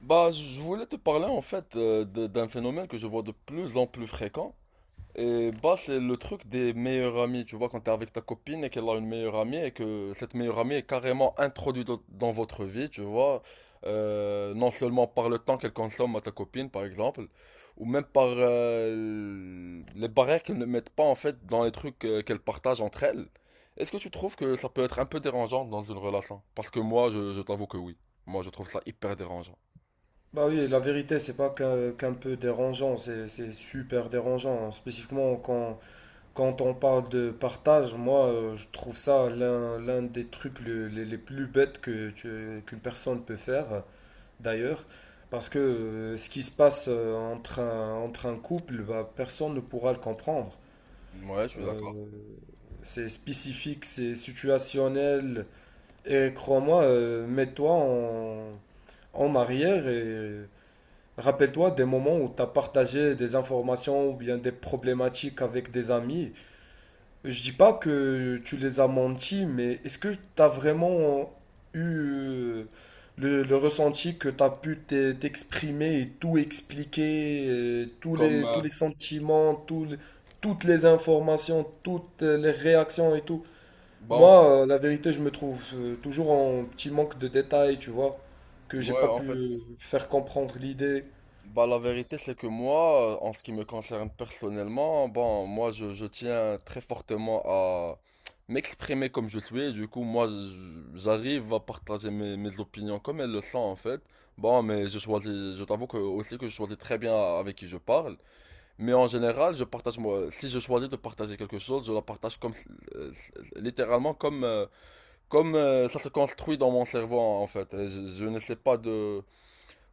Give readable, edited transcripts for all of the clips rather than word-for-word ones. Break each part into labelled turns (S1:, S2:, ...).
S1: Bah, je voulais te parler en fait d'un phénomène que je vois de plus en plus fréquent. Et bah, c'est le truc des meilleurs amis. Tu vois, quand t'es avec ta copine et qu'elle a une meilleure amie et que cette meilleure amie est carrément introduite dans votre vie, tu vois. Non seulement par le temps qu'elle consomme à ta copine, par exemple, ou même par les barrières qu'elle ne mettent pas en fait dans les trucs qu'elle partage entre elles. Est-ce que tu trouves que ça peut être un peu dérangeant dans une relation? Parce que moi, je t'avoue que oui. Moi, je trouve ça hyper dérangeant.
S2: Bah oui, la vérité, c'est pas qu'un peu dérangeant, c'est super dérangeant. Spécifiquement quand on parle de partage, moi, je trouve ça l'un des trucs les plus bêtes que qu'une personne peut faire, d'ailleurs. Parce que ce qui se passe entre entre un couple, bah, personne ne pourra le comprendre.
S1: Ouais, je suis d'accord.
S2: Euh, c'est spécifique, c'est situationnel. Et crois-moi, en arrière et. Rappelle-toi des moments où tu as partagé des informations ou bien des problématiques avec des amis. Je dis pas que tu les as menti, mais est-ce que tu as vraiment eu euh, le ressenti que tu as pu t'exprimer et tout expliquer,
S1: Comme,
S2: tous les sentiments, toutes les informations, toutes les réactions et tout?
S1: bah en fait,
S2: Moi, la vérité, je me trouve toujours en petit manque de détails, tu vois, que j'ai
S1: moi,
S2: pas
S1: en
S2: pu
S1: fait,
S2: faire comprendre l'idée.
S1: bah la vérité, c'est que moi, en ce qui me concerne personnellement, bon, moi, je tiens très fortement à m'exprimer comme je suis. Du coup, moi, j'arrive à partager mes opinions comme elles le sont, en fait. Bon, mais je t'avoue que aussi que je choisis très bien avec qui je parle. Mais en général, je partage moi, si je choisis de partager quelque chose, je la partage euh, littéralement comme, euh, Comme ça se construit dans mon cerveau en fait, et je n'essaie pas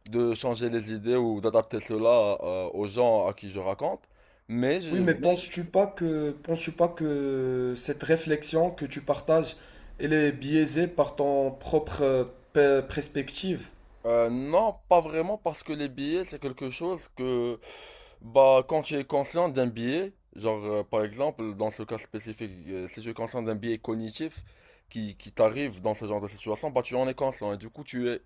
S1: de changer les idées ou d'adapter cela aux gens à qui je raconte, mais,
S2: Oui,
S1: je-
S2: mais
S1: mais je-
S2: penses-tu pas que cette réflexion que tu partages, elle est biaisée par ton propre perspective?
S1: non, pas vraiment parce que les billets c'est quelque chose que bah, quand tu es conscient d'un biais, par exemple, dans ce cas spécifique, si tu es conscient d'un biais cognitif qui t'arrive dans ce genre de situation, bah tu en es conscient et du coup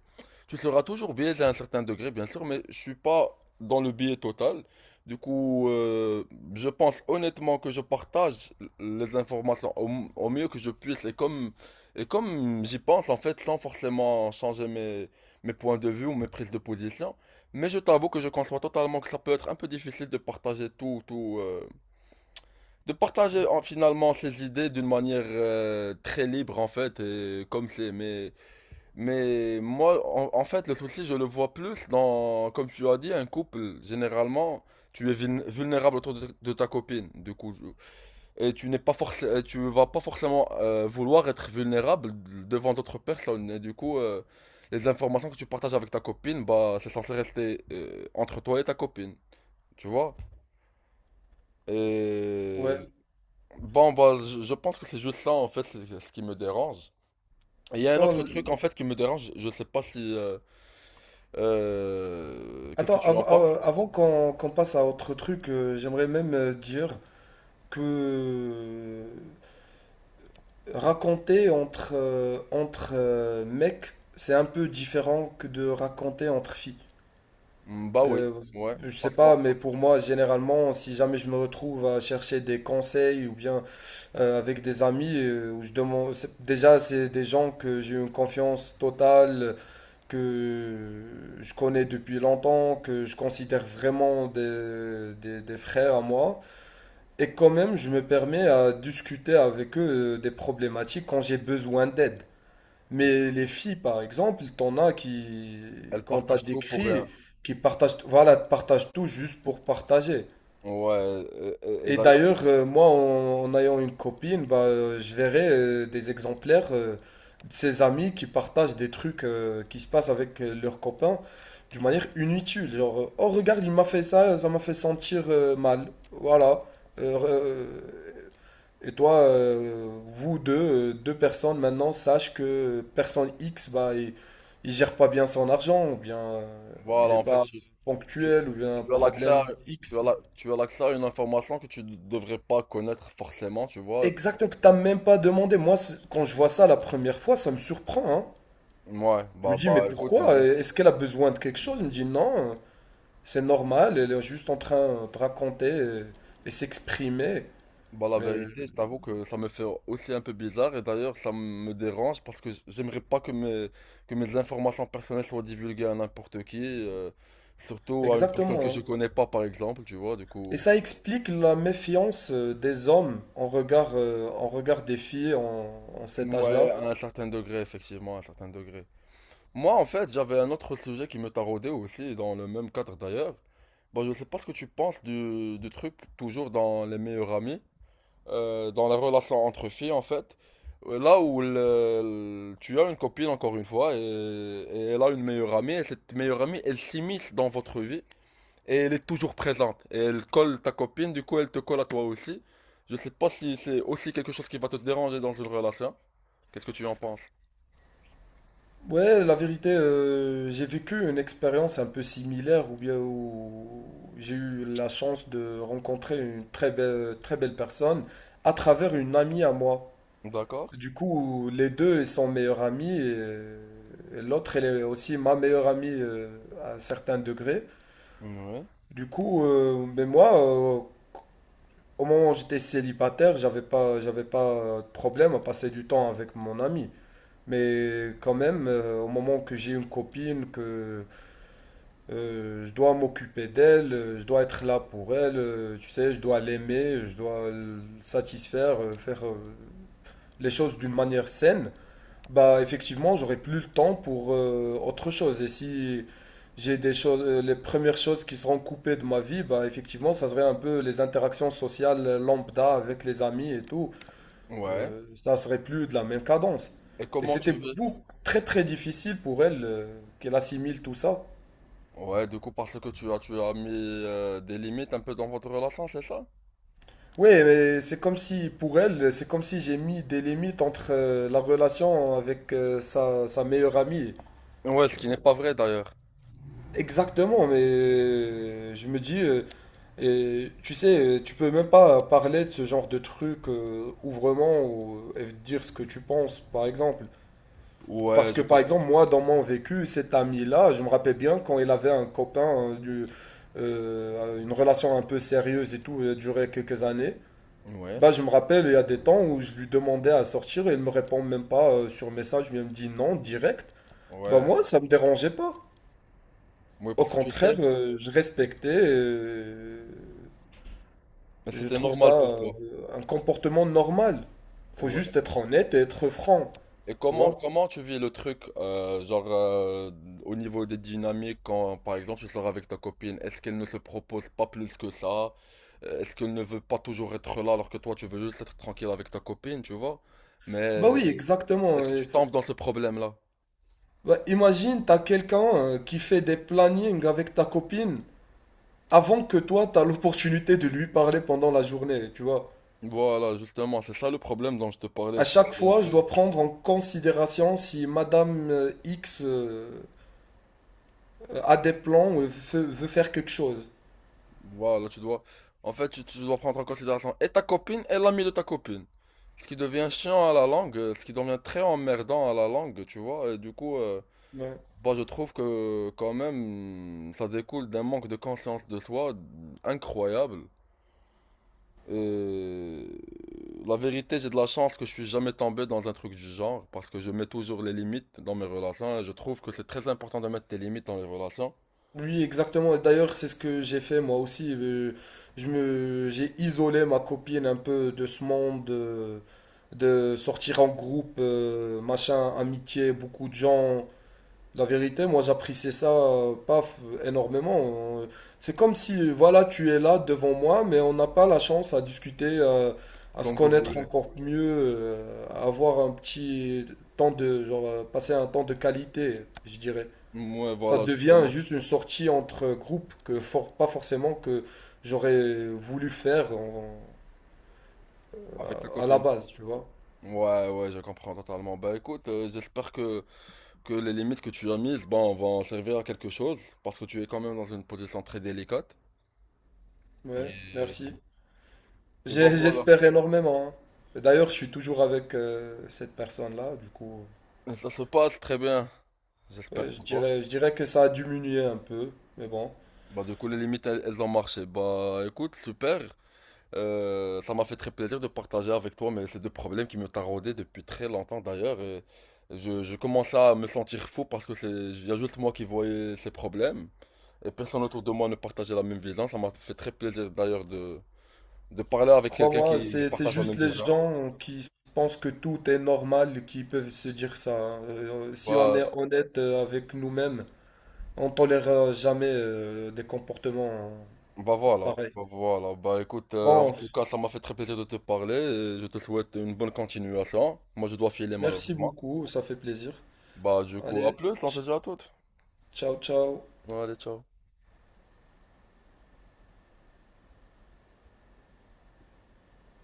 S1: tu seras toujours biaisé à un certain degré, bien sûr, mais je suis pas dans le biais total. Du coup, je pense honnêtement que je partage les informations au mieux que je puisse et comme j'y pense en fait, sans forcément changer mes points de vue ou mes prises de position. Mais je t'avoue que je conçois totalement que ça peut être un peu difficile de partager tout, tout, de partager en- finalement ses idées d'une manière très libre en fait, et comme c'est. Mais moi, en fait, le souci, je le vois plus dans, comme tu as dit, un couple. Généralement, tu es vulnérable autour de ta copine. Et tu n'es pas tu vas pas forcément vouloir être vulnérable devant d'autres personnes. Et du coup, les informations que tu partages avec ta copine, bah, c'est censé rester entre toi et ta copine. Tu vois? Et
S2: Ouais.
S1: bon, bah, je, je pense que c'est juste ça, en fait, c'est ce qui me dérange. Et il y a un
S2: Oh,
S1: autre truc,
S2: l-
S1: en fait, qui me dérange. Je sais pas si. Qu'est-ce que
S2: attends,
S1: tu en penses?
S2: avant qu'on passe à autre truc, j'aimerais même dire que raconter entre mecs, c'est un peu différent que de raconter entre filles.
S1: Mm. Bah oui,
S2: Euh,
S1: ouais.
S2: je sais
S1: Parce qu'elle
S2: pas, mais pour moi, généralement, si jamais je me retrouve à chercher des conseils ou bien avec des amis où je demande déjà c'est des gens que j'ai une confiance totale que je connais depuis longtemps que je considère vraiment des frères à moi et quand même je me permets à discuter avec eux des problématiques quand j'ai besoin d'aide, mais les filles par exemple t'en as qui quand t'as
S1: partage
S2: des
S1: tout pour
S2: cris
S1: rien.
S2: qui partagent, voilà, partagent tout juste pour partager.
S1: Ouais. Et
S2: Et
S1: d'ailleurs,
S2: d'ailleurs, moi, en ayant une copine, bah, je verrai des exemplaires de ses amis qui partagent des trucs qui se passent avec leurs copains d'une manière inutile. Genre, oh regarde, il m'a fait ça, ça m'a fait sentir mal. Voilà. Euh, euh, et toi, vous deux, deux personnes maintenant, sachez que personne X, bah, il gère pas bien son argent, ou bien il
S1: voilà,
S2: est
S1: en fait.
S2: pas
S1: Tu, Tu
S2: ponctuel, ou bien un
S1: as l'accès à,
S2: problème X.
S1: tu as l'accès à une information que tu ne devrais pas connaître forcément, tu vois.
S2: Exactement, que t'as même pas demandé. Moi, quand je vois ça la première fois, ça me surprend, hein.
S1: Ouais,
S2: Je me dis, mais
S1: bah écoute, moi
S2: pourquoi?
S1: aussi.
S2: Est-ce qu'elle a besoin de quelque chose? Il me dit, non, c'est normal, elle est juste en train de raconter et s'exprimer.
S1: Bah la
S2: Euh,
S1: vérité, je t'avoue que ça me fait aussi un peu bizarre et d'ailleurs ça me dérange parce que j'aimerais pas que que mes informations personnelles soient divulguées à n'importe qui, surtout à une personne que
S2: Exactement,
S1: je
S2: hein.
S1: connais pas par exemple, tu vois, du
S2: Et
S1: coup.
S2: ça explique la méfiance des hommes en regard des filles en cet
S1: Ouais,
S2: âge-là.
S1: à un certain degré, effectivement, à un certain degré. Moi, en fait, j'avais un autre sujet qui me taraudait aussi, dans le même cadre d'ailleurs. Bon, je sais pas ce que tu penses du truc, toujours dans les meilleurs amis, dans la relation entre filles, en fait. Là où tu as une copine, encore une fois, et elle a une meilleure amie, et cette meilleure amie, elle s'immisce dans votre vie, et elle est toujours présente. Et elle colle ta copine, du coup, elle te colle à toi aussi. Je sais pas si c'est aussi quelque chose qui va te déranger dans une relation. Qu'est-ce que tu en penses?
S2: Ouais, la vérité, j'ai vécu une expérience un peu similaire ou bien où j'ai eu la chance de rencontrer une très belle personne à travers une amie à moi.
S1: D'accord?
S2: Du coup, les deux ils sont meilleurs amis et l'autre, elle est aussi ma meilleure amie à un certain degré.
S1: Ouais.
S2: Du coup, mais moi, au moment où j'étais célibataire, j'avais pas de problème à passer du temps avec mon ami. Mais quand même, au moment que j'ai une copine, que je dois m'occuper d'elle, je dois être là pour elle, tu sais, je dois l'aimer, je dois le satisfaire, faire les choses d'une manière saine, bah effectivement, j'aurai plus le temps pour autre chose. Et si j'ai des choses, les premières choses qui seront coupées de ma vie, bah effectivement, ça serait un peu les interactions sociales lambda avec les amis et tout.
S1: Ouais.
S2: Ça serait plus de la même cadence.
S1: Et
S2: Et
S1: comment
S2: c'était
S1: tu vis?
S2: très très difficile pour elle qu'elle assimile tout ça.
S1: Ouais, du coup, parce que tu as mis des limites un peu dans votre relation, c'est ça?
S2: Oui, mais c'est comme si, pour elle, c'est comme si j'ai mis des limites entre la relation avec sa meilleure amie.
S1: Ouais, ce qui n'est pas vrai d'ailleurs.
S2: Exactement, mais je me dis, et, tu sais, tu peux même pas parler de ce genre de truc ouvrement ou, et dire ce que tu penses, par exemple.
S1: Ouais,
S2: Parce que,
S1: je
S2: par
S1: comprends.
S2: exemple, moi, dans mon vécu, cet ami-là, je me rappelle bien quand il avait un copain, une relation un peu sérieuse et tout, elle a duré quelques années.
S1: Ouais,
S2: Bah, je me rappelle, il y a des temps où je lui demandais à sortir et il me répond même pas sur message, mais il me dit non, direct. Bah,
S1: ouais.
S2: moi, ça me dérangeait pas.
S1: Oui,
S2: Au
S1: parce que tu
S2: contraire,
S1: sais,
S2: je respectais et je
S1: c'était
S2: trouve
S1: normal
S2: ça
S1: pour toi.
S2: un comportement normal. Faut
S1: Ouais.
S2: juste être honnête et être franc,
S1: Et
S2: tu vois.
S1: comment tu vis le truc, au niveau des dynamiques, quand, par exemple, tu sors avec ta copine, est-ce qu'elle ne se propose pas plus que ça? Est-ce qu'elle ne veut pas toujours être là alors que toi, tu veux juste être tranquille avec ta copine, tu vois?
S2: Bah
S1: Mais
S2: oui,
S1: Est-ce
S2: exactement.
S1: que tu tombes dans ce problème-là?
S2: Bah, imagine, t'as quelqu'un qui fait des plannings avec ta copine avant que toi, t'as l'opportunité de lui parler pendant la journée, tu vois.
S1: Voilà, justement, c'est ça le problème dont je te parlais.
S2: À
S1: C'est
S2: chaque
S1: que un
S2: fois, je
S1: peu...
S2: dois prendre en considération si Madame X a des veut faire quelque chose.
S1: Voilà, tu dois... En fait, tu dois prendre en considération et ta copine et l'ami de ta copine. Ce qui devient chiant à la langue, ce qui devient très emmerdant à la langue, tu vois. Et du coup,
S2: Ouais.
S1: bah, je trouve que quand même, ça découle d'un manque de conscience de soi incroyable. Et la vérité, j'ai de la chance que je suis jamais tombé dans un truc du genre, parce que je mets toujours les limites dans mes relations. Et je trouve que c'est très important de mettre tes limites dans les relations.
S2: Oui, exactement. Et d'ailleurs, c'est ce que j'ai fait moi aussi. J'ai isolé ma copine un peu de ce monde de sortir en groupe, machin, amitié, beaucoup de gens. La vérité, moi, j'appréciais ça pas f- énormément. C'est comme si, voilà, tu es là devant moi, mais on n'a pas la chance à discuter, à se
S1: Comme vous
S2: connaître
S1: voulez.
S2: encore mieux, à avoir un petit temps de, passer un temps de qualité, je dirais.
S1: Ouais,
S2: Ça
S1: voilà,
S2: devient
S1: justement,
S2: juste une sortie entre groupes que pas forcément que j'aurais voulu faire en-
S1: avec ta
S2: à la
S1: copine.
S2: base, tu vois.
S1: Ouais, ouais, je comprends totalement. Bah écoute, j'espère que les limites que tu as mises, bon, vont servir à quelque chose, parce que tu es quand même dans une position très délicate.
S2: Ouais,
S1: Et,
S2: merci.
S1: et bah
S2: J'ai-
S1: voilà.
S2: J'espère énormément, hein. Et d'ailleurs, je suis toujours avec cette personne-là, du coup.
S1: Et ça se passe très bien, j'espère
S2: Ouais,
S1: pour toi.
S2: je dirais que ça a diminué un peu, mais bon.
S1: Bah du coup, les limites, elles ont marché. Bah écoute, super. Ça m'a fait très plaisir de partager avec toi, mais ces deux problèmes qui me taraudaient depuis très longtemps d'ailleurs. Et je commençais à me sentir fou parce que c'est, il y a juste moi qui voyais ces problèmes. Et personne autour de moi ne partageait la même vision. Ça m'a fait très plaisir d'ailleurs de parler avec quelqu'un
S2: Crois-moi,
S1: qui
S2: c'est
S1: partage la
S2: juste
S1: même
S2: les
S1: vision.
S2: gens qui pensent que tout est normal qui peuvent se dire ça, hein. Si on
S1: Bah,
S2: est honnête avec nous-mêmes, on tolérera jamais des comportements pareils.
S1: Bah voilà. Bah écoute, en
S2: Bon,
S1: tout cas, ça m'a fait très plaisir de te parler et je te souhaite une bonne continuation. Moi, je dois filer
S2: merci
S1: malheureusement.
S2: beaucoup, ça fait plaisir.
S1: Bah du coup, à
S2: Allez,
S1: plus, on se
S2: ch-
S1: dit à toutes.
S2: ciao, ciao.
S1: Allez, ciao.